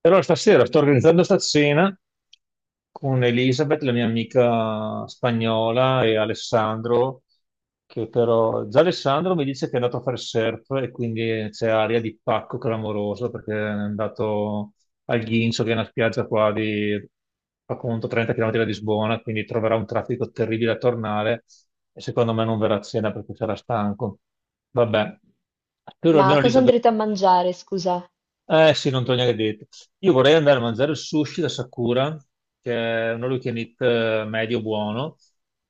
E allora stasera sto organizzando sta cena con Elisabeth, la mia amica spagnola, e Alessandro, che però già Alessandro mi dice che è andato a fare surf e quindi c'è aria di pacco clamoroso perché è andato al Ghincio, che è una spiaggia qua di, fa conto, 30 km da Lisbona, quindi troverà un traffico terribile a tornare e secondo me non verrà a cena perché sarà stanco. Vabbè, spero Ma almeno cosa Elisabeth. andrete a mangiare, scusa? Eh sì, non te l'ho neanche detto. Io vorrei andare a mangiare il sushi da Sakura, che è un all you can eat, medio buono,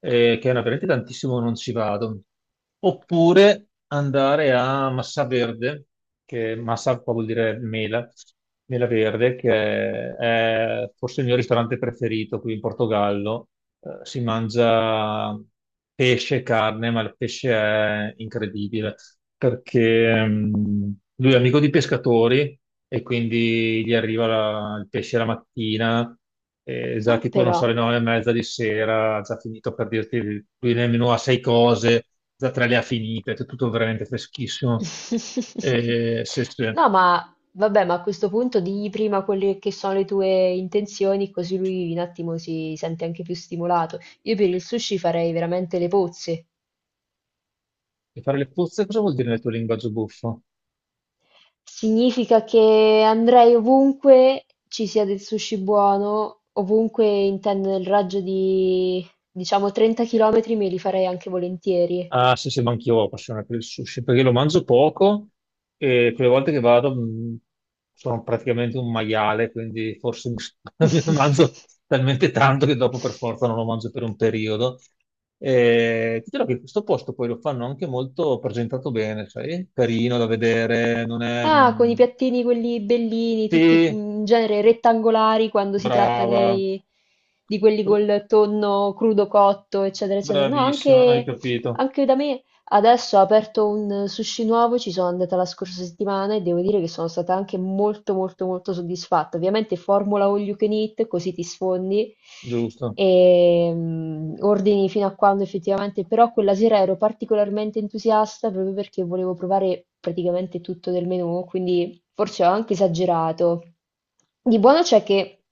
veramente tantissimo non ci vado. Oppure andare a Massa Verde, che Massa qua vuol dire mela, mela verde, che è forse il mio ristorante preferito qui in Portogallo. Si mangia pesce, carne, ma il pesce è incredibile perché lui è amico di pescatori e quindi gli arriva il pesce la mattina, e già Ah, tipo, non so, però. alle 9:30 di sera, ha già finito per dirti, lui nel menù ha 6 cose, già 3 le ha finite, è tutto veramente freschissimo. E, se, se- No, ma vabbè, ma a questo punto digli prima quelle che sono le tue intenzioni, così lui un attimo si sente anche più stimolato. Io per il sushi farei veramente le pozze. e fare le puzze cosa vuol dire nel tuo linguaggio buffo? Significa che andrei ovunque ci sia del sushi buono, ovunque intendo nel raggio di, diciamo, 30 km me li farei anche volentieri. Ah, sì, sì, ma anch'io ho la passione per il sushi, perché lo mangio poco e quelle volte che vado sono praticamente un maiale, quindi forse mi ne mangio talmente tanto che dopo per forza non lo mangio per un periodo. E ti dirò che questo posto poi lo fanno anche molto presentato bene, sai? Carino da vedere, non è. Ah, con i piattini quelli bellini, tutti Sì, in genere rettangolari quando si tratta brava, di quelli col tonno crudo cotto, eccetera, eccetera. No, bravissima, hai anche, capito, anche da me. Adesso ha aperto un sushi nuovo, ci sono andata la scorsa settimana e devo dire che sono stata anche molto soddisfatta. Ovviamente formula all you can eat, così ti sfondi giusto. e ordini fino a quando effettivamente, però quella sera ero particolarmente entusiasta proprio perché volevo provare praticamente tutto del menù, quindi forse ho anche esagerato. Di buono c'è che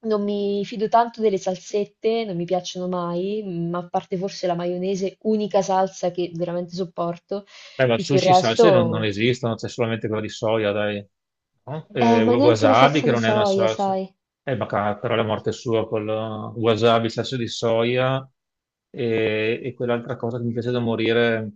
non mi fido tanto delle salsette, non mi piacciono mai, ma a parte forse la maionese, unica salsa che veramente sopporto, Beh, ma tutto il sushi e salse non resto... esistono, c'è solamente quella di soia, dai. No? Ma neanche la Wasabi, salsa che di non è una soia, salsa. sai? Però la morte sua, col wasabi, salsa di soia e quell'altra cosa che mi piace da morire,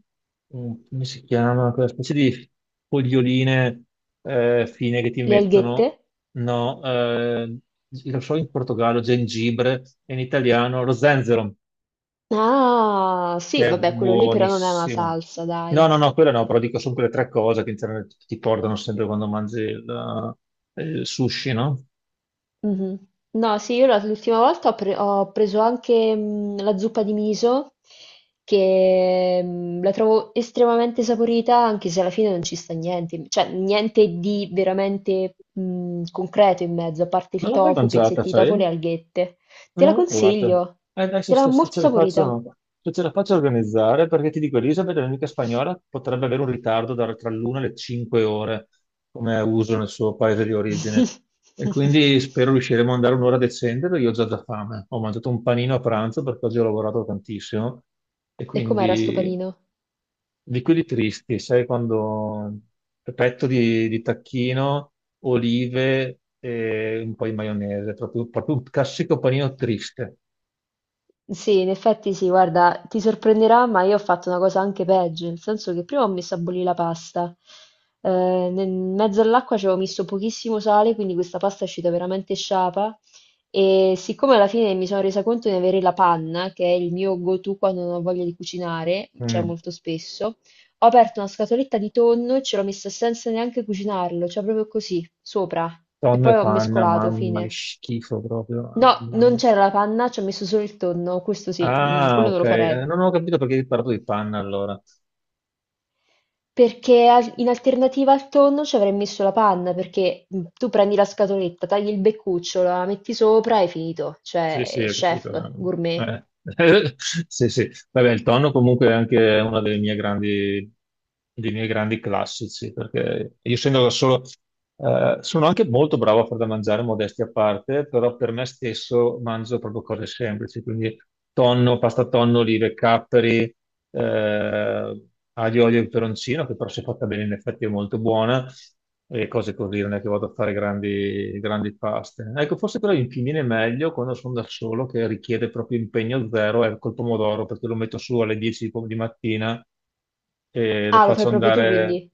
come si chiama? Quella specie di foglioline fine che ti Le mettono. alghette? No, lo so in Portogallo, gengibre, e in italiano lo zenzero Ah, sì, che è vabbè, quello lì però non è una buonissimo. salsa, No, dai. no, no, quello no, però dico sono quelle tre cose che in genere ti portano sempre quando mangi il sushi, no? Mhm. No, sì, l'ultima volta ho preso anche la zuppa di miso, che la trovo estremamente saporita, anche se alla fine non ci sta niente, cioè niente di veramente concreto in mezzo, a parte Non il l'ho mai tofu, mangiata, pezzetti di sai? tofu e le alghette. Non Te l'ho la mai provata. consiglio, Dai, te la se molto ce la saporita. faccio, se ce la faccio organizzare, perché ti dico, Elisabeth, l'amica spagnola, potrebbe avere un ritardo tra l'una e le 5 ore, come è uso nel suo paese di origine. E quindi spero riusciremo ad andare un'ora decente, perché io ho già da fame. Ho mangiato un panino a pranzo perché oggi ho lavorato tantissimo. E E com'era sto quindi panino? Di quelli tristi, sai quando petto di tacchino, olive e un po' di maionese, proprio, proprio un classico panino triste. Sì, in effetti sì, guarda, ti sorprenderà, ma io ho fatto una cosa anche peggio, nel senso che prima ho messo a bollire la pasta, eh, nel in mezzo all'acqua ci avevo messo pochissimo sale, quindi questa pasta è uscita veramente sciapa e siccome alla fine mi sono resa conto di avere la panna, che è il mio go-to quando non ho voglia di cucinare, cioè Mm. molto spesso, ho aperto una scatoletta di tonno e ce l'ho messa senza neanche cucinarlo, cioè proprio così, sopra, e Tonno poi e ho panna, mescolato, mamma, che fine. schifo proprio. No, Mamma non mia. c'era la panna, c'ho messo solo il tonno, questo sì, Ah, quello non ok, lo farei. Non ho capito perché hai parlato di panna allora. In alternativa al tonno ci avrei messo la panna, perché tu prendi la scatoletta, tagli il beccuccio, la metti sopra e è finito. Sì, sì, Cioè, ho capito. chef, No. gourmet. Eh. Sì, sì. Vabbè, il tonno comunque è anche una delle mie grandi, dei miei grandi classici, perché io essendo da solo, sono anche molto bravo a far da mangiare, modesti a parte, però per me stesso mangio proprio cose semplici, quindi tonno, pasta tonno, olive, capperi, eh, aglio, olio e peperoncino, che però se fatta bene in effetti è molto buona e cose così, non è che vado a fare grandi, grandi paste. Ecco, forse però mi viene meglio quando sono da solo, che richiede proprio impegno zero, è col pomodoro, perché lo metto su alle 10 di mattina e lo Ah, lo fai faccio proprio tu andare, quindi?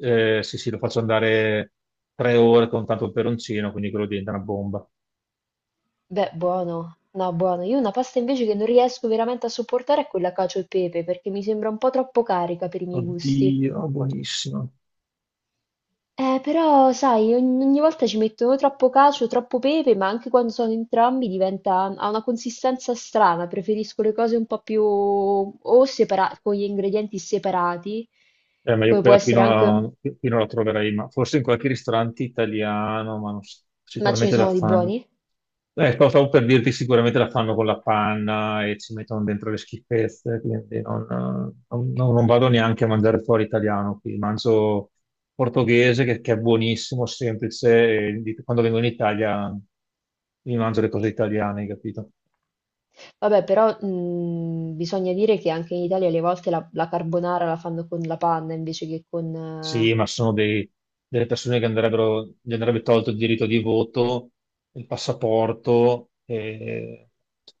sì, sì, lo faccio andare 3 ore con tanto peperoncino, quindi quello diventa una bomba. Beh, buono. No, buono. Io una pasta invece che non riesco veramente a sopportare è quella cacio e pepe, perché mi sembra un po' troppo carica per i miei gusti. Oddio, buonissimo. Però, sai, ogni volta ci mettono troppo cacio, troppo pepe, ma anche quando sono entrambi diventa, ha una consistenza strana. Preferisco le cose un po' più o separate, con gli ingredienti separati, Ma io come può quella essere anche, qui non la troverei, ma forse in qualche ristorante italiano, ma non ma ce ne sicuramente la sono di fanno. buoni. Stavo per dirti, sicuramente la fanno con la panna e ci mettono dentro le schifezze, quindi non vado neanche a mangiare fuori italiano qui, mangio portoghese che è buonissimo, semplice, quando vengo in Italia mi mangio le cose italiane, hai capito? Vabbè, però bisogna dire che anche in Italia alle volte la carbonara la fanno con la panna invece che con... Sì, ma sono delle persone che andrebbero, gli andrebbe tolto il diritto di voto, il passaporto e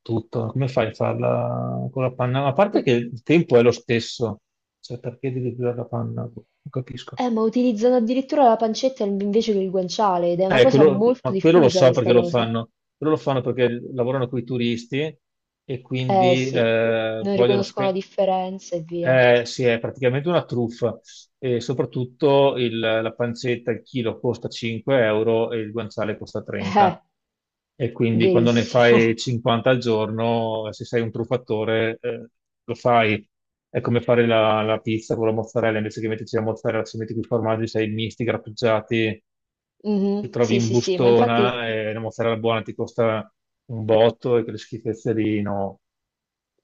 tutto. Come fai a farla con la panna? Ma a parte Eh, che il tempo è lo stesso, cioè perché devi usare la panna? Boh, non capisco. Ma utilizzano addirittura la pancetta invece che il guanciale ed è una cosa Quello, ma molto quello lo diffusa so questa perché lo cosa. fanno. Quello lo fanno perché lavorano con i turisti e Eh quindi sì, non vogliono riconoscono la spendere. differenza e via. Sì, è praticamente una truffa e soprattutto la pancetta, il chilo costa 5 euro e il guanciale costa Eh, 30. E quindi quando ne fai verissimo. 50 al giorno, se sei un truffatore, lo fai. È come fare la pizza con la mozzarella, invece che metterci la mozzarella, ci metti più formaggi, sei misti, grattugiati, ti Mhm. trovi Sì, in sì, sì, bustona e la mozzarella buona ti costa un botto e quelle schifezze lì, no.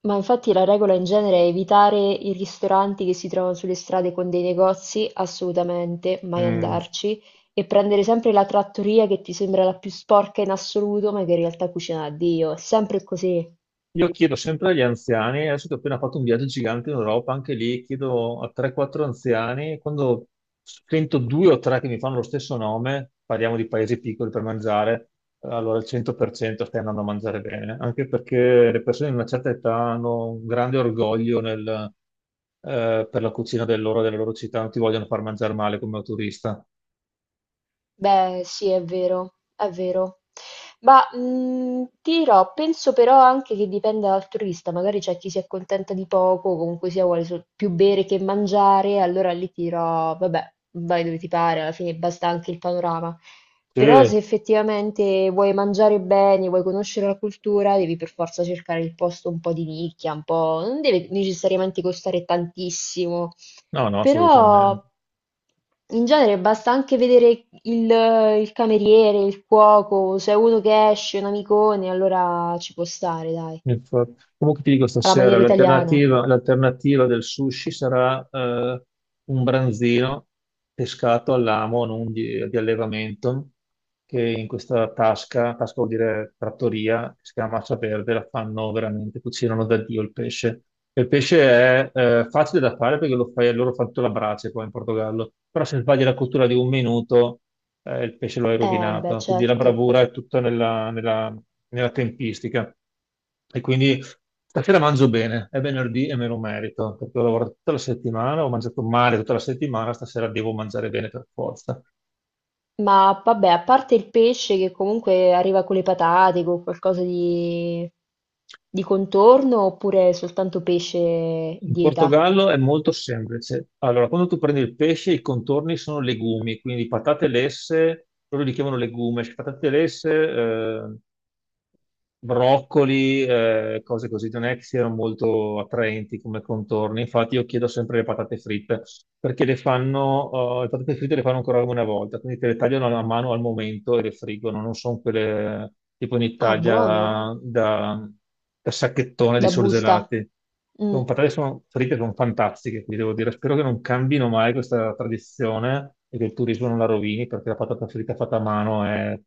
ma infatti la regola in genere è evitare i ristoranti che si trovano sulle strade con dei negozi, assolutamente, mai Mm. andarci, e prendere sempre la trattoria che ti sembra la più sporca in assoluto, ma che in realtà cucina a Dio, è sempre così. Io chiedo sempre agli anziani, adesso che ho appena fatto un viaggio gigante in Europa, anche lì chiedo a 3-4 anziani, quando sento due o tre che mi fanno lo stesso nome, parliamo di paesi piccoli per mangiare, allora al 100% stai andando a mangiare bene, anche perché le persone di una certa età hanno un grande orgoglio per la cucina della loro città, non ti vogliono far mangiare male come turista. Beh, sì, è vero, è vero. Ma, ti dirò, penso però anche che dipenda dal turista, magari c'è chi si accontenta di poco, o comunque sia vuole sol più bere che mangiare, allora lì ti dirò: "Vabbè, vai dove ti pare, alla fine basta anche il panorama". Però se Sì, effettivamente vuoi mangiare bene, vuoi conoscere la cultura, devi per forza cercare il posto un po' di nicchia, un po' non deve necessariamente costare tantissimo. no, no, assolutamente. Però in genere basta anche vedere il cameriere, il cuoco, se è uno che esce, un amicone, allora ci può stare, dai, Infatti. Comunque ti dico alla stasera, maniera italiana. l'alternativa del sushi sarà un branzino pescato all'amo, non di allevamento, che in questa tasca, tasca vuol dire trattoria, che si chiama Massa Verde, la fanno veramente, cucinano da Dio il pesce. E il pesce è facile da fare perché lo fai, loro fanno tutta la brace qua in Portogallo, però se sbagli la cottura di un minuto il pesce lo hai Beh, rovinato. Quindi la certo. bravura è tutta nella tempistica. E quindi stasera mangio bene, è venerdì e me lo merito, perché ho lavorato tutta la settimana, ho mangiato male tutta la settimana, stasera devo mangiare bene per forza. Ma vabbè, a parte il pesce che comunque arriva con le patate, con qualcosa di contorno, oppure soltanto pesce In dieta? Portogallo è molto semplice. Allora, quando tu prendi il pesce, i contorni sono legumi, quindi patate lesse, loro li chiamano legumes, patate lesse, broccoli, cose così, non è che siano molto attraenti come contorni. Infatti, io chiedo sempre le patate fritte perché le fanno, le patate fritte le fanno ancora una volta, quindi te le tagliano a mano al momento e le friggono. Non sono quelle tipo in Ah, Italia buono, da, da sacchettone di da busta. surgelati. Mm. Sono patate, sono fritte, sono fantastiche, quindi devo dire, spero che non cambino mai questa tradizione e che il turismo non la rovini perché la patata fritta fatta a mano è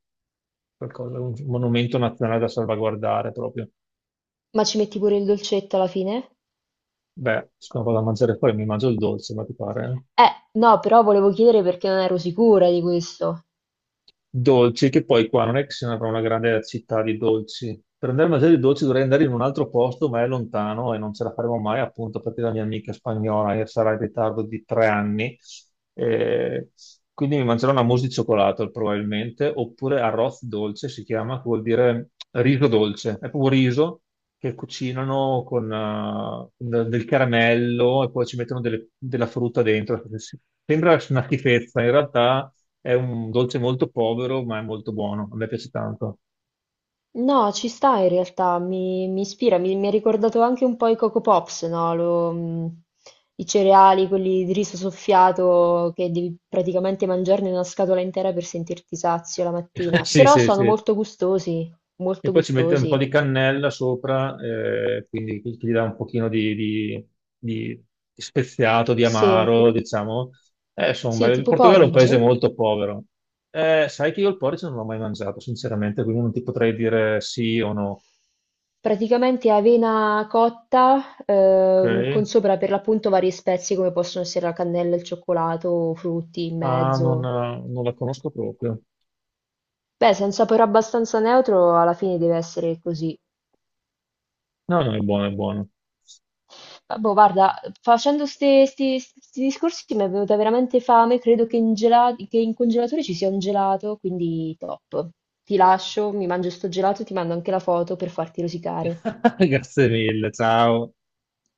qualcosa, un monumento nazionale da salvaguardare proprio. Ma ci metti pure il dolcetto alla fine? Beh, sono vado a mangiare poi, mi mangio il dolce, ma ti pare? Eh? Eh, no, però volevo chiedere perché non ero sicura di questo. Dolci, che poi qua non è che se ne avrà una grande città di dolci. Per andare a mangiare i dolci dovrei andare in un altro posto, ma è lontano e non ce la faremo mai, appunto, perché la mia amica spagnola sarà in ritardo di 3 anni. Eh, quindi mi mangerò una mousse di cioccolato probabilmente, oppure arroz dolce si chiama, che vuol dire riso dolce. È proprio riso che cucinano con del caramello e poi ci mettono della frutta dentro. Sembra una schifezza, in realtà è un dolce molto povero, ma è molto buono. A me piace tanto. No, ci sta in realtà, mi ispira, mi ha ricordato anche un po' i Coco Pops, no? I cereali, quelli di riso soffiato che devi praticamente mangiarne una scatola intera per sentirti sazio la mattina. Sì, Però sì, sono sì. molto gustosi, E molto poi ci mette un po' gustosi. di cannella sopra, quindi che gli dà un pochino di- di speziato, di Sì, amaro, diciamo. Insomma, sì, il tipo Portogallo è un paese porridge? molto povero. Sai che io il porridge non l'ho mai mangiato, sinceramente, quindi non ti potrei dire sì o no. Praticamente avena cotta, con Ok? sopra per l'appunto varie spezie come possono essere la cannella, il cioccolato, o frutti in Ah, mezzo. non la conosco proprio. Beh, se è un sapore abbastanza neutro, alla fine deve essere così. No, no, è buono, è buono. Ah, boh, guarda, facendo questi discorsi mi è venuta veramente fame. Credo che che in congelatore ci sia un gelato, quindi top. Ti lascio, mi mangio sto gelato e ti mando anche la foto per farti rosicare. Grazie mille, ciao.